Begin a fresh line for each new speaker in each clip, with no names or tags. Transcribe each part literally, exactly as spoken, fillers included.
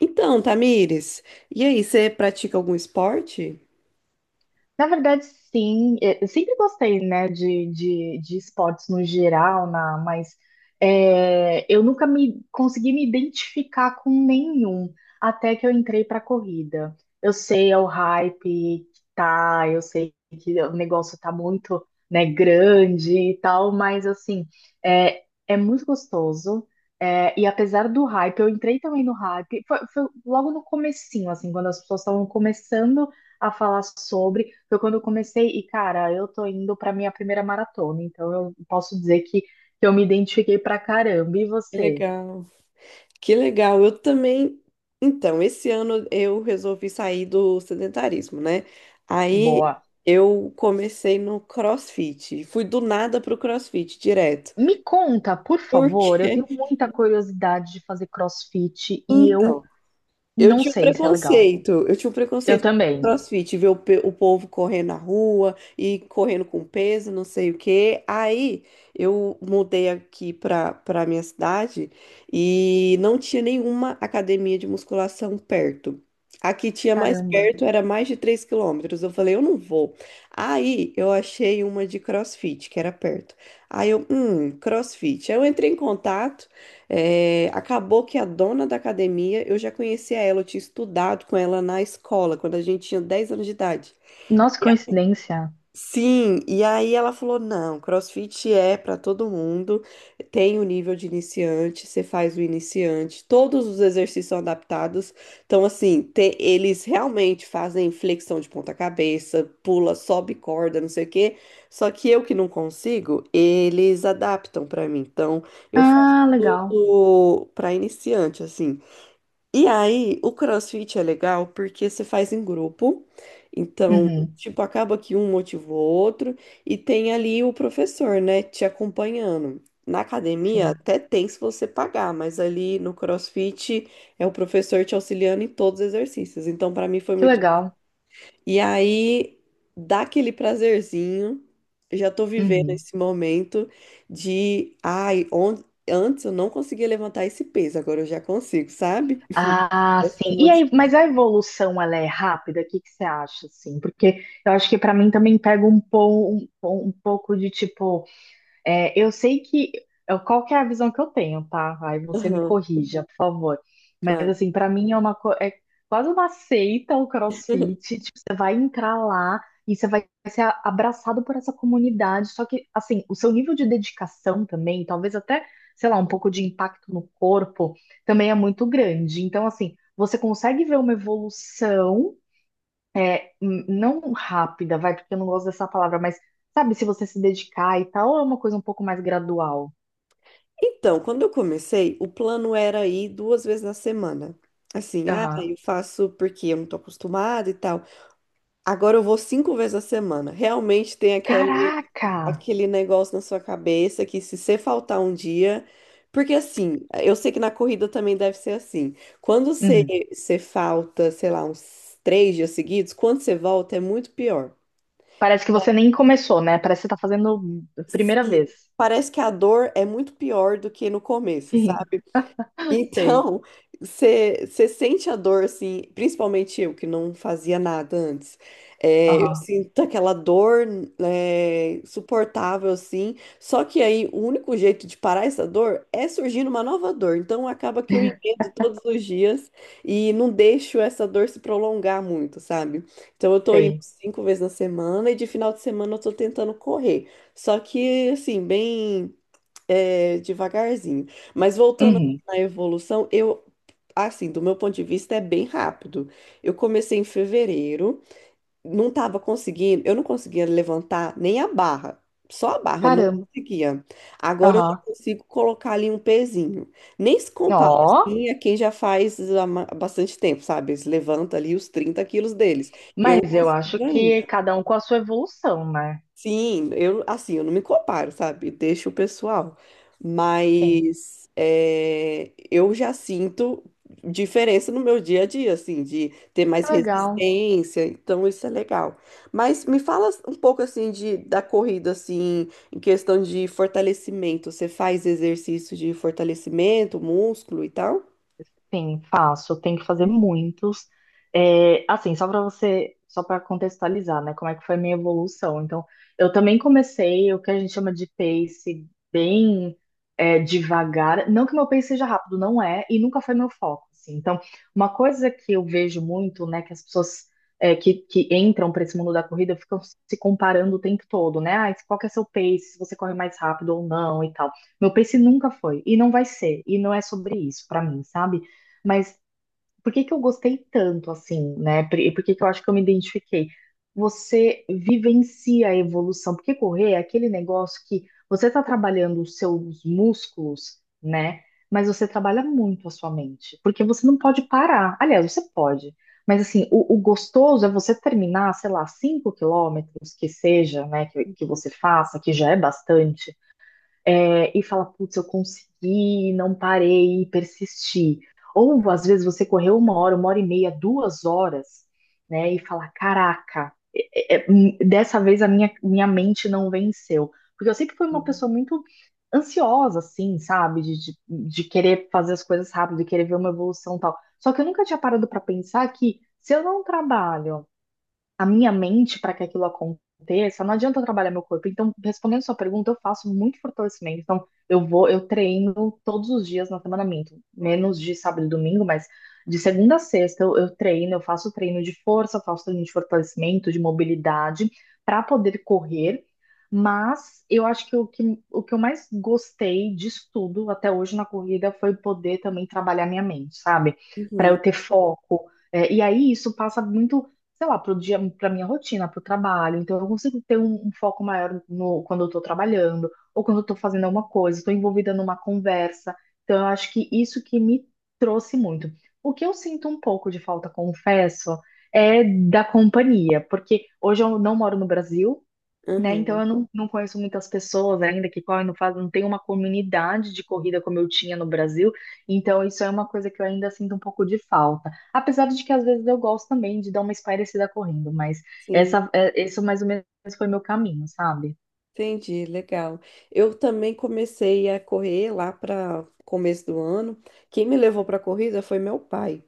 Então, Tamires, e aí, você pratica algum esporte?
Na verdade, sim. Eu sempre gostei, né, de, de, de esportes no geral, na, mas é, eu nunca me consegui me identificar com nenhum até que eu entrei para corrida. Eu sei é o hype que tá, eu sei que o negócio tá muito, né, grande e tal, mas assim, é, é muito gostoso. É, e apesar do hype, eu entrei também no hype, foi, foi logo no comecinho, assim, quando as pessoas estavam começando a falar sobre. Foi quando eu comecei, e cara, eu tô indo pra minha primeira maratona, então eu posso dizer que, eu me identifiquei pra caramba. E
Que
você?
legal. Que legal. Eu também. Então, esse ano eu resolvi sair do sedentarismo, né? Aí
Boa.
eu comecei no CrossFit. Fui do nada pro CrossFit direto.
Me conta, por
Por
favor, eu
quê?
tenho muita curiosidade de fazer CrossFit e eu
Então, Eu
não
tinha um
sei se é legal.
preconceito, eu tinha um
Eu
preconceito com
também.
CrossFit, ver o, pe- o povo correndo na rua e correndo com peso, não sei o quê. Aí eu mudei aqui para para minha cidade e não tinha nenhuma academia de musculação perto. Aqui tinha mais
Caramba.
perto, era mais de três quilômetros. Eu falei, eu não vou. Aí eu achei uma de CrossFit, que era perto. Aí eu, hum, CrossFit. Aí eu entrei em contato. É, acabou que a dona da academia, eu já conhecia ela, eu tinha estudado com ela na escola, quando a gente tinha dez anos de idade.
Nossa, que coincidência.
Sim, e aí ela falou: não, CrossFit é para todo mundo, tem o nível de iniciante, você faz o iniciante, todos os exercícios são adaptados. Então, assim, te- eles realmente fazem flexão de ponta-cabeça, pula, sobe corda, não sei o quê. Só que eu que não consigo, eles adaptam para mim. Então, eu faço
Ah, legal.
tudo para iniciante, assim. E aí, o CrossFit é legal porque você faz em grupo. Então,
Uhum,
tipo, acaba que um motiva o outro e tem ali o professor, né, te acompanhando. Na academia
sim.
até tem se você pagar, mas ali no CrossFit é o professor te auxiliando em todos os exercícios. Então, pra mim foi
Que
muito.
legal.
E aí, dá aquele prazerzinho. eu Já tô vivendo
Uhum.
esse momento de, ai, on- antes eu não conseguia levantar esse peso, agora eu já consigo, sabe?
Ah,
Essa
sim. E aí, mas a evolução ela é rápida? O que que você acha, assim? Porque eu acho que para mim também pega um, po, um, po- um pouco de tipo. É, eu sei que. eu- Qual que é a visão que eu tenho, tá? Aí você me
Aham,
corrija, por favor. Mas,
claro.
assim, pra mim é uma co- é quase uma seita o CrossFit. Tipo, você vai entrar lá e você vai ser a- abraçado por essa comunidade. Só que, assim, o seu nível de dedicação também, talvez até, sei lá, um pouco de impacto no corpo, também é muito grande. Então, assim, você consegue ver uma evolução é, n- não rápida, vai, porque eu não gosto dessa palavra, mas sabe, se você se dedicar e tal, ou é uma coisa um pouco mais gradual.
Então, quando eu comecei, o plano era ir duas vezes na semana. Assim, ah,
Aham.
eu faço porque eu não tô acostumada e tal. Agora eu vou cinco vezes na semana. Realmente tem aquele,
Caraca!
aquele negócio na sua cabeça que se você faltar um dia. Porque assim, eu sei que na corrida também deve ser assim. Quando você,
Uhum.
você falta, sei lá, uns três dias seguidos, quando você volta é muito pior.
Parece que você nem começou, né? Parece que você tá fazendo a primeira vez.
Sim, parece que a dor é muito pior do que no começo,
Sim,
sabe?
sei.
Então, você sente a dor, assim, principalmente eu, que não fazia nada antes. É, eu
Aham,
sinto aquela dor, é, suportável, assim. Só que aí o único jeito de parar essa dor é surgindo uma nova dor. Então, acaba que eu emendo todos os dias e não deixo essa dor se prolongar muito, sabe? Então, eu tô indo
sei.
cinco vezes na semana e de final de semana eu tô tentando correr. Só que, assim, bem é, devagarzinho. Mas voltando
Uhum.
na evolução, eu, assim, do meu ponto de vista, é bem rápido. Eu comecei em fevereiro, não estava conseguindo, eu não conseguia levantar nem a barra, só a barra, eu não
Caramba.
conseguia. Agora eu já
Aham.
consigo colocar ali um pezinho. Nem se compara
Ó,
assim a quem já faz há ma- bastante tempo, sabe? Eles levantam ali os trinta quilos deles. Eu não
mas eu acho
consigo
que
ainda.
cada um com a sua evolução, né?
Sim, eu assim, eu não me comparo, sabe? Deixa o pessoal.
Sim.
Mas é, eu já sinto diferença no meu dia a dia, assim, de ter mais
Que legal.
resistência, então isso é legal. Mas me fala um pouco assim de da corrida assim, em questão de fortalecimento. Você faz exercício de fortalecimento, músculo e tal?
Sim, faço. Eu Tenho que fazer muitos. É, assim, só para você, só para contextualizar, né? Como é que foi a minha evolução. Então, eu também comecei o que a gente chama de pace bem é, devagar. Não que meu pace seja rápido, não é, e nunca foi meu foco, assim. Então, uma coisa que eu vejo muito, né, que as pessoas é, que, que entram para esse mundo da corrida ficam se comparando o tempo todo, né? Ah, qual que é seu pace, se você corre mais rápido ou não e tal. Meu pace nunca foi, e não vai ser, e não é sobre isso para mim, sabe? Mas por que que eu gostei tanto assim, né? Por- E por que que eu acho que eu me identifiquei? Você vivencia a evolução, porque correr é aquele negócio que você está trabalhando os seus músculos, né? Mas você trabalha muito a sua mente, porque você não pode parar. Aliás, você pode, mas assim, o, o gostoso é você terminar, sei lá, cinco quilômetros que seja, né? Que, que você faça, que já é bastante é, e fala, putz, eu consegui, não parei e persisti. Ou às vezes você correu uma hora, uma hora e meia, duas horas, né? E fala, caraca, é- é, hum, dessa vez a minha, minha mente não venceu. Porque eu sempre fui uma
Uhum.
pessoa muito ansiosa, assim, sabe? De, de, de querer fazer as coisas rápido, de querer ver uma evolução e tal. Só que eu nunca tinha parado para pensar que se eu não trabalho a minha mente para que aquilo aconteça, não adianta eu trabalhar meu corpo. Então, respondendo sua pergunta, eu faço muito fortalecimento. Então, eu vou, eu treino todos os dias na semana, minto, menos de sábado e domingo, mas de segunda a sexta eu, eu treino, eu faço treino de força, eu faço treino de fortalecimento, de mobilidade, para poder correr. Mas eu acho que o que, o que eu mais gostei disso tudo até hoje na corrida foi poder também trabalhar minha mente, sabe? Para
Uhum.
eu ter foco. É, e aí isso passa muito sei lá, pro dia, pra minha rotina, pro trabalho. Então eu consigo ter um, um foco maior no, quando eu tô trabalhando, ou quando eu tô fazendo alguma coisa, estou envolvida numa conversa. Então eu acho que isso que me trouxe muito. O que eu sinto um pouco de falta, confesso, é da companhia, porque hoje eu não moro no Brasil, né? Então
Uhum.
eu não, não conheço muitas pessoas ainda que correm, não faz, não tem uma comunidade de corrida como eu tinha no Brasil, então isso é uma coisa que eu ainda sinto um pouco de falta. Apesar de que às vezes eu gosto também de dar uma espairecida correndo, mas
Sim.
essa, é, isso mais ou menos foi meu caminho, sabe?
Entendi, legal. Eu também comecei a correr lá para começo do ano. Quem me levou para a corrida foi meu pai.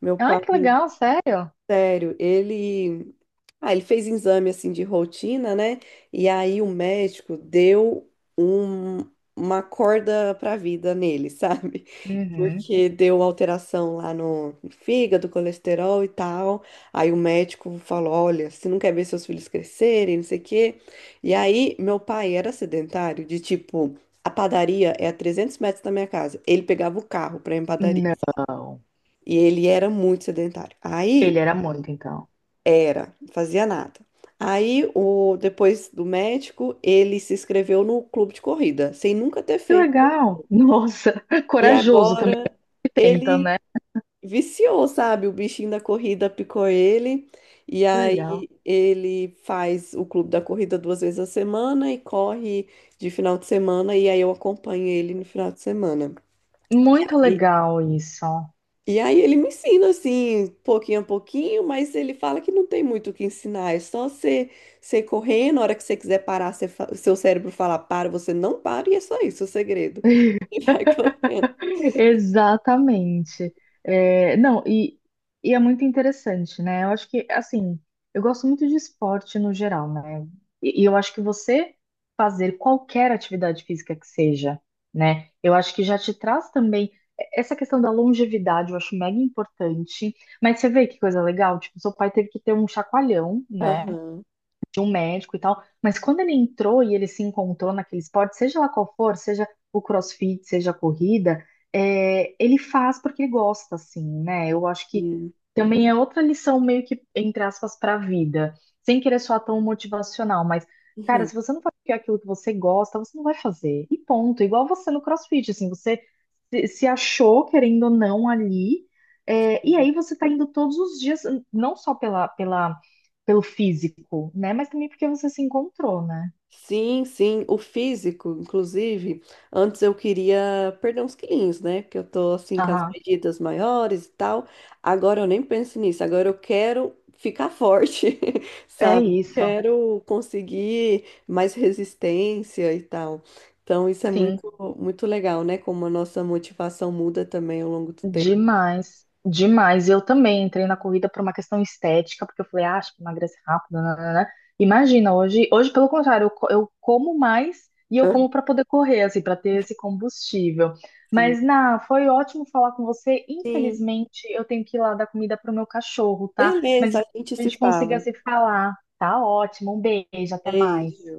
Meu
Ah,
pai.
que legal, sério?
Sério, ele. Ah, ele fez exame assim de rotina, né? E aí o médico deu um- uma corda pra vida nele, sabe?
Uhum.
Porque deu alteração lá no fígado, colesterol e tal. Aí o médico falou: olha, você não quer ver seus filhos crescerem, não sei o quê. E aí meu pai era sedentário, de tipo, a padaria é a trezentos metros da minha casa. Ele pegava o carro pra ir em padaria.
Não,
E ele era muito sedentário. Aí
ele era muito então.
era, não fazia nada. Aí, o, depois do médico, ele se inscreveu no clube de corrida, sem nunca ter
Que
feito.
legal! Nossa,
E
corajoso também
agora
tenta,
ele
né?
viciou, sabe? O bichinho da corrida picou ele. E
Que legal.
aí ele faz o clube da corrida duas vezes a semana e corre de final de semana. E aí eu acompanho ele no final de semana.
Muito legal isso.
E aí ele me ensina assim, pouquinho a pouquinho, mas ele fala que não tem muito o que ensinar, é só você, você ir correndo, na hora que você quiser parar, você fa- seu cérebro fala para, você não para, e é só isso o segredo. E vai correndo.
Exatamente. É, não, e, e é muito interessante, né? Eu acho que, assim, eu gosto muito de esporte no geral, né? E, e eu acho que você fazer qualquer atividade física que seja, né? Eu acho que já te traz também é- essa questão da longevidade, eu acho mega importante. Mas você vê que coisa legal, tipo, seu pai teve que ter um chacoalhão, né?
Aham.
tinha um médico e tal, mas quando ele entrou e ele se encontrou naquele esporte, seja lá qual for, seja o CrossFit, seja a corrida, é, ele faz porque ele gosta, assim, né? Eu acho que
Sim.
também é outra lição meio que, entre aspas, para a vida, sem querer soar tão motivacional, mas, cara, se você não faz aquilo que você gosta, você não vai fazer, e ponto. Igual você no CrossFit, assim, você se se achou, querendo ou não, ali, é, e aí você tá indo todos os dias, não só pela, pela pelo físico, né? Mas também porque você se encontrou, né?
Sim, sim, o físico, inclusive, antes eu queria perder uns quilinhos, né? Porque eu tô assim com as
Aham,
medidas maiores e tal. Agora eu nem penso nisso, agora eu quero ficar forte,
é
sabe?
isso.
Quero conseguir mais resistência e tal. Então isso é
Sim,
muito, muito legal, né? Como a nossa motivação muda também ao longo do tempo.
demais, demais. Eu também entrei na corrida por uma questão estética, porque eu falei, ah, acho que emagrece rápido, nananana. Imagina, hoje, hoje pelo contrário, eu, co- eu como mais e eu como para poder correr, assim, para ter esse combustível.
Sim.
Mas, na, foi ótimo falar com você.
Sim.
Infelizmente, eu tenho que ir lá dar comida para o meu cachorro, tá? Mas
Beleza, a gente
a
se
gente consiga
fala.
se falar. Tá ótimo, um beijo, até mais.
Beijo.